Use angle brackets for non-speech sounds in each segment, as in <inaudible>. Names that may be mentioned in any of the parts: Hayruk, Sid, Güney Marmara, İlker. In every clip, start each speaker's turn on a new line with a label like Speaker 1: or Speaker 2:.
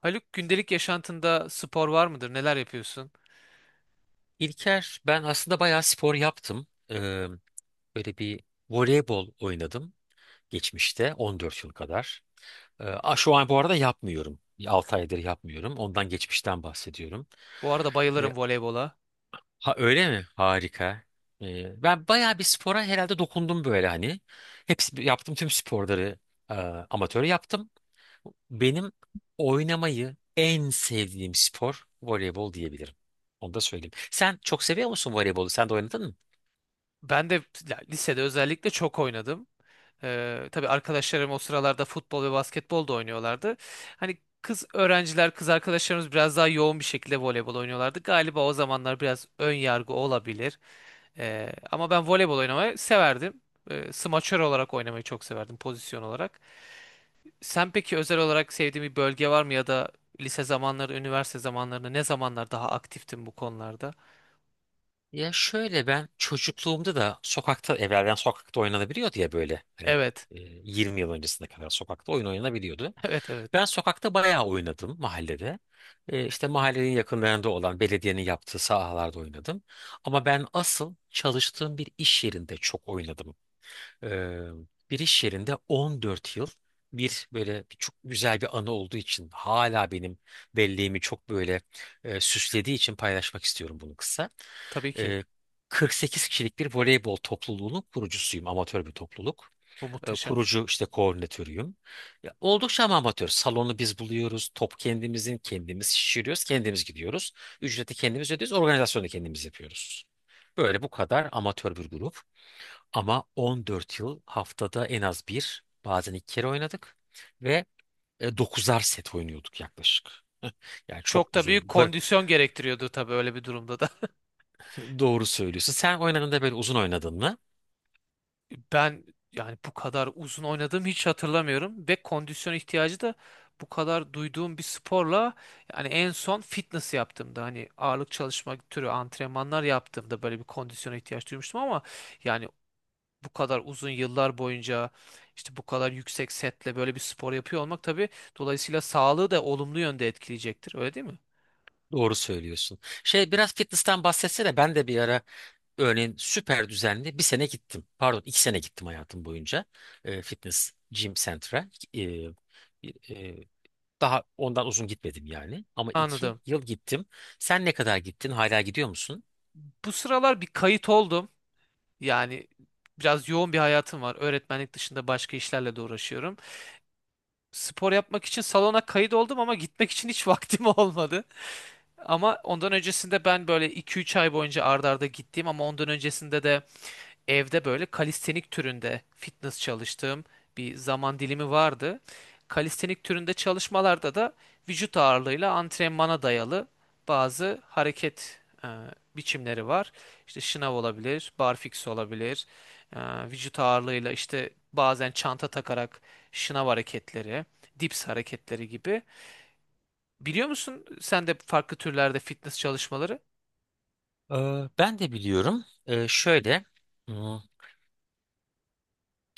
Speaker 1: Haluk gündelik yaşantında spor var mıdır? Neler yapıyorsun?
Speaker 2: İlker, ben aslında bayağı spor yaptım. Böyle bir voleybol oynadım geçmişte 14 yıl kadar. Şu an bu arada yapmıyorum. 6 aydır yapmıyorum. Ondan geçmişten bahsediyorum.
Speaker 1: Bu arada
Speaker 2: Ee,
Speaker 1: bayılırım voleybola.
Speaker 2: ha, öyle mi? Harika. Ben bayağı bir spora herhalde dokundum böyle hani. Hepsi yaptım tüm sporları, e, amatör yaptım. Benim oynamayı en sevdiğim spor voleybol diyebilirim. Onu da söyleyeyim. Sen çok seviyor musun voleybolu? Sen de oynadın mı?
Speaker 1: Ben de ya, lisede özellikle çok oynadım. Tabii arkadaşlarım o sıralarda futbol ve basketbol da oynuyorlardı. Hani kız öğrenciler, kız arkadaşlarımız biraz daha yoğun bir şekilde voleybol oynuyorlardı. Galiba o zamanlar biraz ön yargı olabilir. Ama ben voleybol oynamayı severdim. Smaçör olarak oynamayı çok severdim pozisyon olarak. Sen peki özel olarak sevdiğin bir bölge var mı ya da lise zamanları, üniversite zamanlarında ne zamanlar daha aktiftin bu konularda?
Speaker 2: Ya şöyle ben çocukluğumda da sokakta evvelden sokakta oynanabiliyordu ya böyle hani,
Speaker 1: Evet. <laughs>
Speaker 2: e, 20 yıl öncesine kadar sokakta oyun oynanabiliyordu.
Speaker 1: Evet, evet.
Speaker 2: Ben sokakta bayağı oynadım mahallede. İşte mahallenin yakınlarında olan belediyenin yaptığı sahalarda oynadım. Ama ben asıl çalıştığım bir iş yerinde çok oynadım. Ee, Bir iş yerinde 14 yıl bir böyle bir çok güzel bir anı olduğu için hala benim belleğimi çok böyle, süslediği için paylaşmak istiyorum bunu kısa.
Speaker 1: Tabii ki.
Speaker 2: Ee, 48 kişilik bir voleybol topluluğunun kurucusuyum. Amatör bir topluluk.
Speaker 1: Bu muhteşem.
Speaker 2: Kurucu işte koordinatörüyüm. Ya, oldukça ama amatör. Salonu biz buluyoruz. Top kendimizin. Kendimiz şişiriyoruz. Kendimiz gidiyoruz. Ücreti kendimiz ödüyoruz. Organizasyonu da kendimiz yapıyoruz. Böyle bu kadar amatör bir grup. Ama 14 yıl haftada en az bir, bazen iki kere oynadık ve 9'ar set oynuyorduk yaklaşık. Yani çok
Speaker 1: Çok da büyük
Speaker 2: uzun.
Speaker 1: kondisyon gerektiriyordu tabii öyle bir durumda da.
Speaker 2: Doğru söylüyorsun. Sen oynadığında böyle uzun oynadın mı?
Speaker 1: <laughs> Ben yani bu kadar uzun oynadığımı hiç hatırlamıyorum ve kondisyon ihtiyacı da bu kadar duyduğum bir sporla yani en son fitness yaptığımda hani ağırlık çalışma türü antrenmanlar yaptığımda böyle bir kondisyona ihtiyaç duymuştum ama yani bu kadar uzun yıllar boyunca işte bu kadar yüksek setle böyle bir spor yapıyor olmak tabii dolayısıyla sağlığı da olumlu yönde etkileyecektir. Öyle değil mi?
Speaker 2: Doğru söylüyorsun. Şey biraz fitness'ten bahsetsene. Ben de bir ara örneğin süper düzenli bir sene gittim. Pardon 2 sene gittim hayatım boyunca. Fitness gym center'a. E, e, Daha ondan uzun gitmedim yani. Ama iki
Speaker 1: Anladım.
Speaker 2: yıl gittim. Sen ne kadar gittin? Hala gidiyor musun?
Speaker 1: Bu sıralar bir kayıt oldum. Yani biraz yoğun bir hayatım var. Öğretmenlik dışında başka işlerle de uğraşıyorum. Spor yapmak için salona kayıt oldum ama gitmek için hiç <laughs> vaktim olmadı. Ama ondan öncesinde ben böyle 2-3 ay boyunca ardarda arda gittiğim ama ondan öncesinde de evde böyle kalistenik türünde fitness çalıştığım bir zaman dilimi vardı. Kalistenik türünde çalışmalarda da vücut ağırlığıyla antrenmana dayalı bazı hareket biçimleri var. İşte şınav olabilir, barfiks olabilir, e, vücut ağırlığıyla işte bazen çanta takarak şınav hareketleri, dips hareketleri gibi. Biliyor musun sen de farklı türlerde fitness çalışmaları?
Speaker 2: Ben de biliyorum. Şöyle hmm,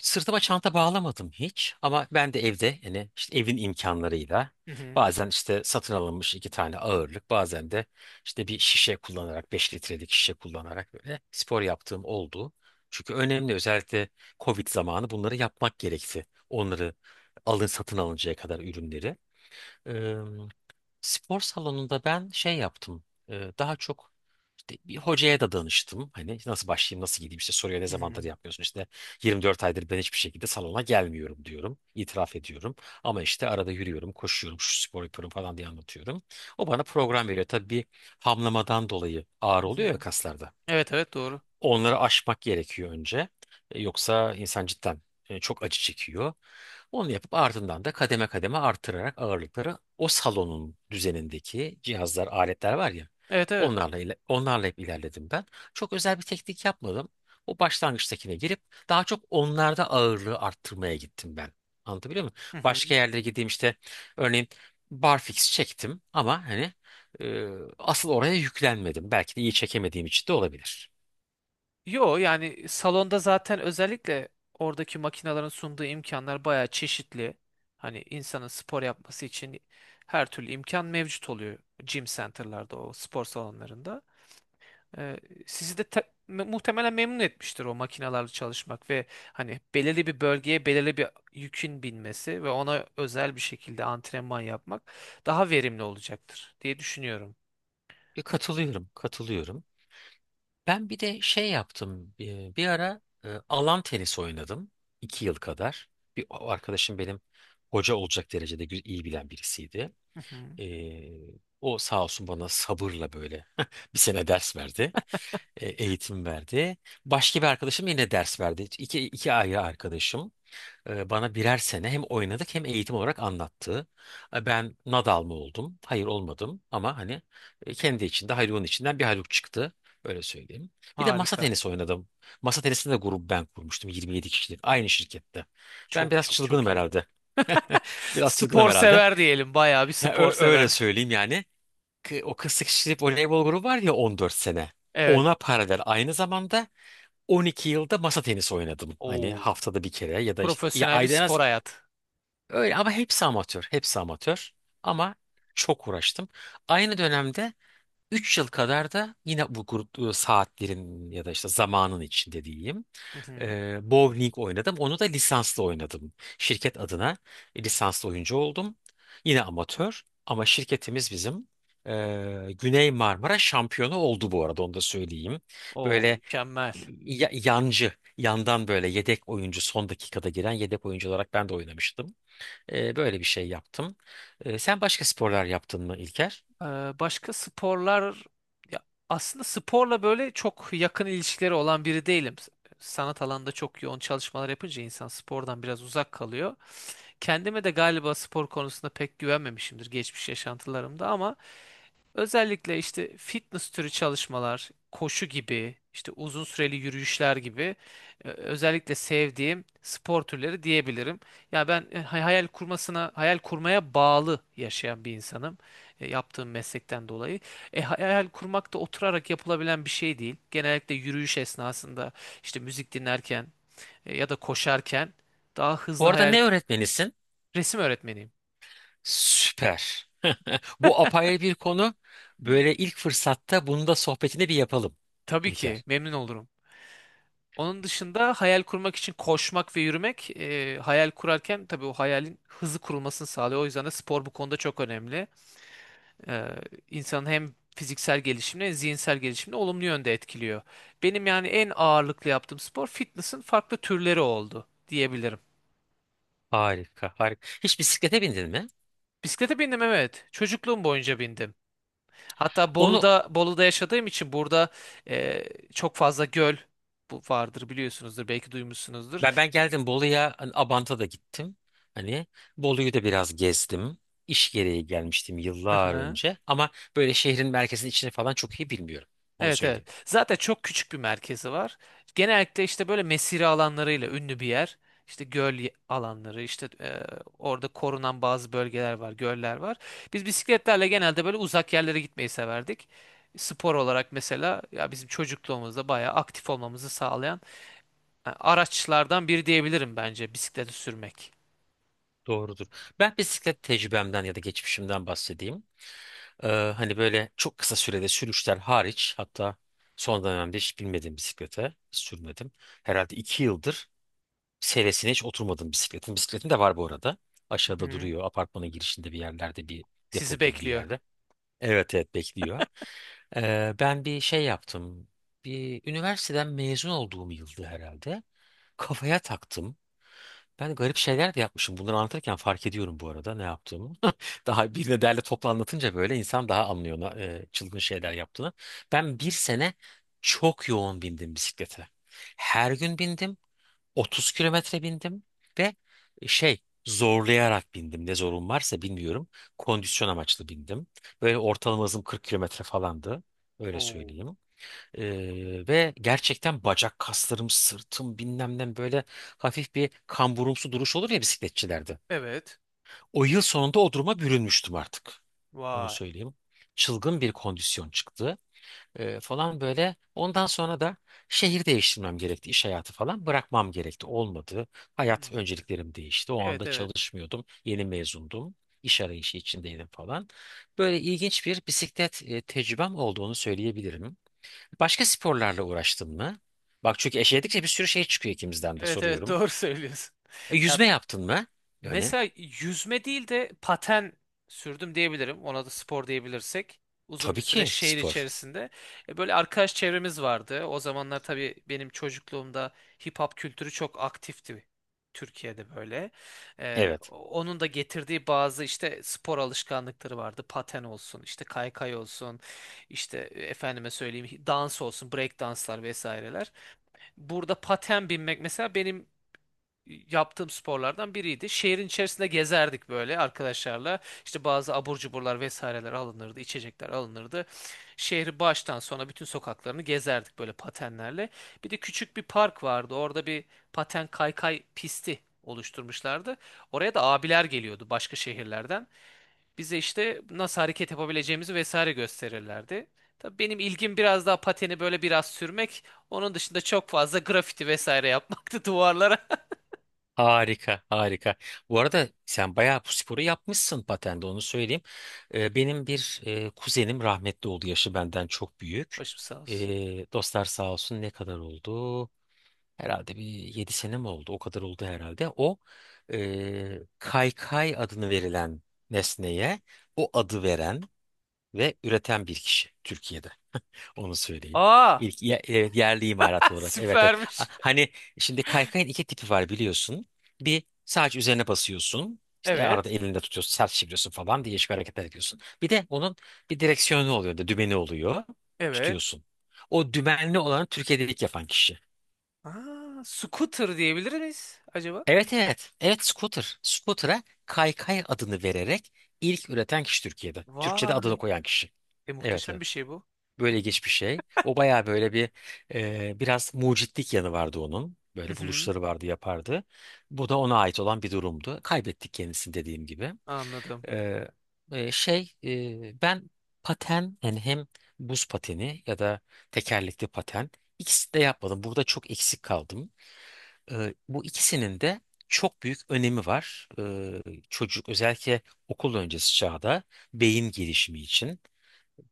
Speaker 2: sırtıma çanta bağlamadım hiç ama ben de evde yani işte evin imkanlarıyla
Speaker 1: Hı hı.
Speaker 2: bazen işte satın alınmış iki tane ağırlık bazen de işte bir şişe kullanarak 5 litrelik şişe kullanarak böyle spor yaptığım oldu. Çünkü önemli özellikle Covid zamanı bunları yapmak gerekti. Onları alın satın alıncaya kadar ürünleri. Spor salonunda ben şey yaptım. Daha çok işte bir hocaya da danıştım. Hani nasıl başlayayım, nasıl gideyim işte soruyor ne
Speaker 1: Hı hı.
Speaker 2: zamandır yapmıyorsun. İşte 24 aydır ben hiçbir şekilde salona gelmiyorum diyorum. İtiraf ediyorum. Ama işte arada yürüyorum, koşuyorum, şu spor yapıyorum falan diye anlatıyorum. O bana program veriyor. Tabii bir hamlamadan dolayı ağır
Speaker 1: Hı
Speaker 2: oluyor ya
Speaker 1: hı.
Speaker 2: kaslarda.
Speaker 1: Evet, evet, doğru.
Speaker 2: Onları aşmak gerekiyor önce. Yoksa insan cidden, çok acı çekiyor. Onu yapıp ardından da kademe kademe artırarak ağırlıkları o salonun düzenindeki cihazlar, aletler var ya
Speaker 1: Evet, evet.
Speaker 2: onlarla hep ilerledim ben. Çok özel bir teknik yapmadım. O başlangıçtakine girip daha çok onlarda ağırlığı arttırmaya gittim ben. Anlatabiliyor muyum?
Speaker 1: Hı hı.
Speaker 2: Başka yerlere gideyim işte örneğin barfix çektim ama hani, e, asıl oraya yüklenmedim. Belki de iyi çekemediğim için de olabilir.
Speaker 1: Yo yani salonda zaten özellikle oradaki makinaların sunduğu imkanlar bayağı çeşitli. Hani insanın spor yapması için her türlü imkan mevcut oluyor gym center'larda o spor salonlarında. Ee, Sizi de muhtemelen memnun etmiştir o makinalarla çalışmak ve hani belirli bir bölgeye belirli bir yükün binmesi ve ona özel bir şekilde antrenman yapmak daha verimli olacaktır diye düşünüyorum.
Speaker 2: Katılıyorum, katılıyorum. Ben bir de şey yaptım. Bir ara alan tenisi oynadım. 2 yıl kadar. Bir o arkadaşım benim hoca olacak derecede iyi bilen birisiydi.
Speaker 1: Hı hı.
Speaker 2: E, O sağ olsun bana sabırla böyle <laughs> bir sene ders verdi. Eğitim verdi. Başka bir arkadaşım yine ders verdi. İki ayrı arkadaşım bana birer sene hem oynadık hem eğitim olarak anlattı. Ben Nadal mı oldum? Hayır olmadım ama hani, kendi içinde Hayrun'un içinden bir Hayruk çıktı. Öyle söyleyeyim. Bir de masa
Speaker 1: Harika.
Speaker 2: tenisi oynadım. Masa tenisinde de grubu ben kurmuştum 27 kişilik aynı şirkette. Ben
Speaker 1: Çok
Speaker 2: biraz
Speaker 1: çok
Speaker 2: çılgınım
Speaker 1: çok iyi.
Speaker 2: herhalde. Biraz çılgınım
Speaker 1: Spor
Speaker 2: herhalde.
Speaker 1: sever diyelim. Bayağı bir
Speaker 2: Ha,
Speaker 1: spor sever.
Speaker 2: öyle
Speaker 1: <laughs>
Speaker 2: söyleyeyim yani. O 48 kişilik voleybol grubu var ya 14 sene.
Speaker 1: Evet.
Speaker 2: Ona paralel aynı zamanda 12 yılda masa tenisi oynadım. Hani
Speaker 1: Oo.
Speaker 2: haftada bir kere ya da işte ya
Speaker 1: Profesyonel bir
Speaker 2: ayda en
Speaker 1: spor
Speaker 2: az.
Speaker 1: hayat.
Speaker 2: Öyle ama hepsi amatör. Hepsi amatör. Ama çok uğraştım. Aynı dönemde 3 yıl kadar da yine bu grup, saatlerin ya da işte zamanın içinde diyeyim.
Speaker 1: Hı hı.
Speaker 2: Bowling oynadım. Onu da lisanslı oynadım. Şirket adına lisanslı oyuncu oldum. Yine amatör ama şirketimiz bizim. Güney Marmara şampiyonu oldu bu arada, onu da söyleyeyim.
Speaker 1: Oo,
Speaker 2: Böyle
Speaker 1: mükemmel.
Speaker 2: yancı, yandan böyle yedek oyuncu son dakikada giren yedek oyuncu olarak ben de oynamıştım. Böyle bir şey yaptım. Sen başka sporlar yaptın mı, İlker?
Speaker 1: Ee, Başka sporlar ya aslında sporla böyle çok yakın ilişkileri olan biri değilim. Sanat alanında çok yoğun çalışmalar yapınca insan spordan biraz uzak kalıyor. Kendime de galiba spor konusunda pek güvenmemişimdir geçmiş yaşantılarımda ama özellikle işte fitness türü çalışmalar, koşu gibi, işte uzun süreli yürüyüşler gibi özellikle sevdiğim spor türleri diyebilirim. Ya ben e, hayal kurmasına, hayal kurmaya bağlı yaşayan bir insanım, yaptığım meslekten dolayı. E, hayal kurmak da oturarak yapılabilen bir şey değil. Genellikle yürüyüş esnasında işte müzik dinlerken ya da koşarken daha
Speaker 2: Bu
Speaker 1: hızlı
Speaker 2: arada
Speaker 1: hayal.
Speaker 2: ne öğretmenisin?
Speaker 1: Resim öğretmeniyim.
Speaker 2: Süper. <laughs> Bu apayrı bir konu. Böyle ilk fırsatta bunu da sohbetini bir yapalım,
Speaker 1: Tabii ki
Speaker 2: İlker.
Speaker 1: memnun olurum. Onun dışında hayal kurmak için koşmak ve yürümek, hayal kurarken tabii o hayalin hızlı kurulmasını sağlıyor. O yüzden de spor bu konuda çok önemli. E, insanın hem fiziksel gelişimini hem zihinsel gelişimini olumlu yönde etkiliyor. Benim yani en ağırlıklı yaptığım spor fitness'ın farklı türleri oldu diyebilirim.
Speaker 2: Harika, harika. Hiç bisiklete bindin mi?
Speaker 1: Bisiklete bindim, evet. Çocukluğum boyunca bindim. Hatta
Speaker 2: Onu
Speaker 1: Bolu'da yaşadığım için burada e, çok fazla göl bu vardır, biliyorsunuzdur, belki duymuşsunuzdur.
Speaker 2: ben geldim Bolu'ya, hani Abant'a da gittim. Hani Bolu'yu da biraz gezdim. İş gereği gelmiştim yıllar
Speaker 1: <laughs>
Speaker 2: önce ama böyle şehrin merkezinin içine falan çok iyi bilmiyorum. Onu
Speaker 1: Evet,
Speaker 2: söyleyeyim.
Speaker 1: evet. Zaten çok küçük bir merkezi var. Genellikle işte böyle mesire alanlarıyla ünlü bir yer. İşte alanları, işte orada korunan bazı bölgeler var, göller var. Biz bisikletlerle genelde böyle uzak yerlere gitmeyi severdik. Spor olarak mesela ya bizim çocukluğumuzda bayağı aktif olmamızı sağlayan araçlardan biri diyebilirim bence bisikleti sürmek.
Speaker 2: Doğrudur. Ben bisiklet tecrübemden ya da geçmişimden bahsedeyim. Ee, Hani böyle çok kısa sürede sürüşler hariç hatta son dönemde hiç binmedim bisiklete. Hiç sürmedim. Herhalde 2 yıldır seresine hiç oturmadım bisikletin. Bisikletim de var bu arada.
Speaker 1: Hı
Speaker 2: Aşağıda
Speaker 1: hı.
Speaker 2: duruyor. Apartmanın girişinde bir yerlerde bir depo
Speaker 1: Sizi
Speaker 2: gibi bir
Speaker 1: bekliyor.
Speaker 2: yerde. Evet, evet, bekliyor. Ben bir şey yaptım. Bir üniversiteden mezun olduğum yıldı herhalde. Kafaya taktım. Ben garip şeyler de yapmışım. Bunları anlatırken fark ediyorum bu arada ne yaptığımı. <laughs> Daha birine derle toplu anlatınca böyle insan daha anlıyor çılgın şeyler yaptığını. Ben bir sene çok yoğun bindim bisiklete. Her gün bindim. 30 kilometre bindim ve şey zorlayarak bindim. Ne zorun varsa bilmiyorum. Kondisyon amaçlı bindim. Böyle ortalama hızım 40 kilometre falandı. Öyle
Speaker 1: Oo.
Speaker 2: söyleyeyim. Ve gerçekten bacak kaslarım, sırtım bilmem ne böyle hafif bir kamburumsu duruş olur ya bisikletçilerde.
Speaker 1: Evet.
Speaker 2: O yıl sonunda o duruma bürünmüştüm artık. Onu
Speaker 1: Vay.
Speaker 2: söyleyeyim. Çılgın bir kondisyon çıktı, falan böyle. Ondan sonra da şehir değiştirmem gerekti, iş hayatı falan bırakmam gerekti. Olmadı. Hayat
Speaker 1: Hmm.
Speaker 2: önceliklerim değişti. O
Speaker 1: Evet,
Speaker 2: anda
Speaker 1: evet.
Speaker 2: çalışmıyordum. Yeni mezundum. İş arayışı içindeydim falan. Böyle ilginç bir bisiklet, tecrübem olduğunu söyleyebilirim. Başka sporlarla uğraştın mı? Bak çünkü eşeledikçe bir sürü şey çıkıyor ikimizden de
Speaker 1: Evet, evet, <laughs>
Speaker 2: soruyorum.
Speaker 1: doğru söylüyorsun. Ya
Speaker 2: Yüzme yaptın mı? Yani
Speaker 1: mesela yüzme değil de paten sürdüm diyebilirim. Ona da spor diyebilirsek. Uzun bir
Speaker 2: tabii
Speaker 1: süre
Speaker 2: ki
Speaker 1: şehir
Speaker 2: spor.
Speaker 1: içerisinde. E, böyle arkadaş çevremiz vardı. O zamanlar tabii benim çocukluğumda hip hop kültürü çok aktifti Türkiye'de böyle. E,
Speaker 2: Evet.
Speaker 1: onun da getirdiği bazı işte spor alışkanlıkları vardı. Paten olsun, işte kaykay olsun, işte e, efendime söyleyeyim dans olsun, break danslar vesaireler. Burada paten binmek mesela benim yaptığım sporlardan biriydi. Şehrin içerisinde gezerdik böyle arkadaşlarla. İşte bazı abur cuburlar vesaireler alınırdı, içecekler alınırdı. Şehri baştan sona bütün sokaklarını gezerdik böyle patenlerle. Bir de küçük bir park vardı. Orada bir paten kaykay pisti oluşturmuşlardı. Oraya da abiler geliyordu başka şehirlerden. Bize işte nasıl hareket yapabileceğimizi vesaire gösterirlerdi. Tabii benim ilgim biraz daha pateni böyle biraz sürmek. Onun dışında çok fazla grafiti vesaire yapmaktı <laughs> duvarlara.
Speaker 2: Harika, harika. Bu arada sen bayağı bu sporu yapmışsın patende, onu söyleyeyim. Benim bir kuzenim rahmetli oldu, yaşı benden çok büyük.
Speaker 1: Başım sağ olsun.
Speaker 2: Dostlar sağ olsun, ne kadar oldu? Herhalde bir 7 sene mi oldu? O kadar oldu herhalde. O, kaykay adını verilen nesneye o adı veren ve üreten bir kişi Türkiye'de. Onu söyleyeyim.
Speaker 1: Aa,
Speaker 2: İlk, evet, yerli imalat
Speaker 1: <laughs>
Speaker 2: olarak. Evet, evet.
Speaker 1: süpermiş.
Speaker 2: Hani şimdi kaykayın iki tipi var, biliyorsun. Bir sadece üzerine basıyorsun. İşte arada
Speaker 1: Evet,
Speaker 2: elinde tutuyorsun, sert çeviriyorsun falan değişik hareketler ediyorsun. Bir de onun bir direksiyonu oluyor, da dümeni oluyor.
Speaker 1: evet.
Speaker 2: Tutuyorsun. O dümenli olanı Türkiye'de ilk yapan kişi.
Speaker 1: Aa, scooter diyebilir miyiz acaba?
Speaker 2: Evet, evet. Evet, scooter. Scooter'a kaykay adını vererek ilk üreten kişi Türkiye'de. Türkçe'de adını
Speaker 1: Vay,
Speaker 2: koyan kişi. Evet,
Speaker 1: muhteşem bir
Speaker 2: evet.
Speaker 1: şey bu.
Speaker 2: Böyle geçmiş şey. O bayağı böyle bir, biraz mucitlik yanı vardı onun.
Speaker 1: Hı
Speaker 2: Böyle
Speaker 1: hı,
Speaker 2: buluşları vardı yapardı. Bu da ona ait olan bir durumdu. Kaybettik kendisini dediğim gibi.
Speaker 1: anladım.
Speaker 2: E, Ben paten yani hem buz pateni ya da tekerlekli paten ikisini de yapmadım. Burada çok eksik kaldım. Bu ikisinin de çok büyük önemi var. Çocuk özellikle okul öncesi çağda beyin gelişimi için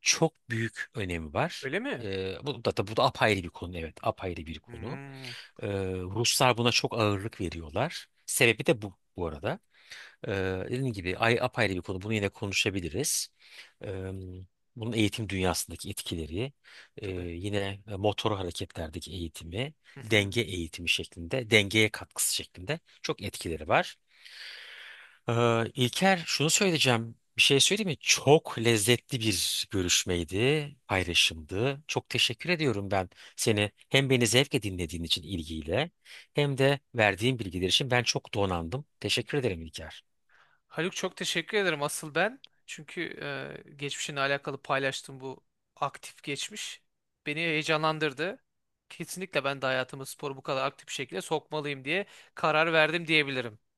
Speaker 2: çok büyük önemi var.
Speaker 1: Öyle mi?
Speaker 2: Bu da, bu da apayrı bir konu, evet, apayrı bir konu.
Speaker 1: Hmm,
Speaker 2: Ee, Ruslar buna çok ağırlık veriyorlar. Sebebi de bu, bu arada. Ee, Dediğim gibi ay apayrı bir konu. Bunu yine konuşabiliriz. Ee, Bunun eğitim dünyasındaki etkileri,
Speaker 1: tabii.
Speaker 2: yine motor hareketlerdeki eğitimi,
Speaker 1: Hı hı.
Speaker 2: denge eğitimi şeklinde, dengeye katkısı şeklinde çok etkileri var. İlker, şunu söyleyeceğim. Bir şey söyleyeyim mi? Çok lezzetli bir görüşmeydi, paylaşımdı. Çok teşekkür ediyorum ben seni hem beni zevkle dinlediğin için ilgiyle hem de verdiğin bilgiler için ben çok donandım. Teşekkür ederim İlker.
Speaker 1: Haluk, çok teşekkür ederim asıl ben. Çünkü geçmişinle alakalı paylaştığım bu aktif geçmiş beni heyecanlandırdı. Kesinlikle ben de hayatıma sporu bu kadar aktif bir şekilde sokmalıyım diye karar verdim diyebilirim.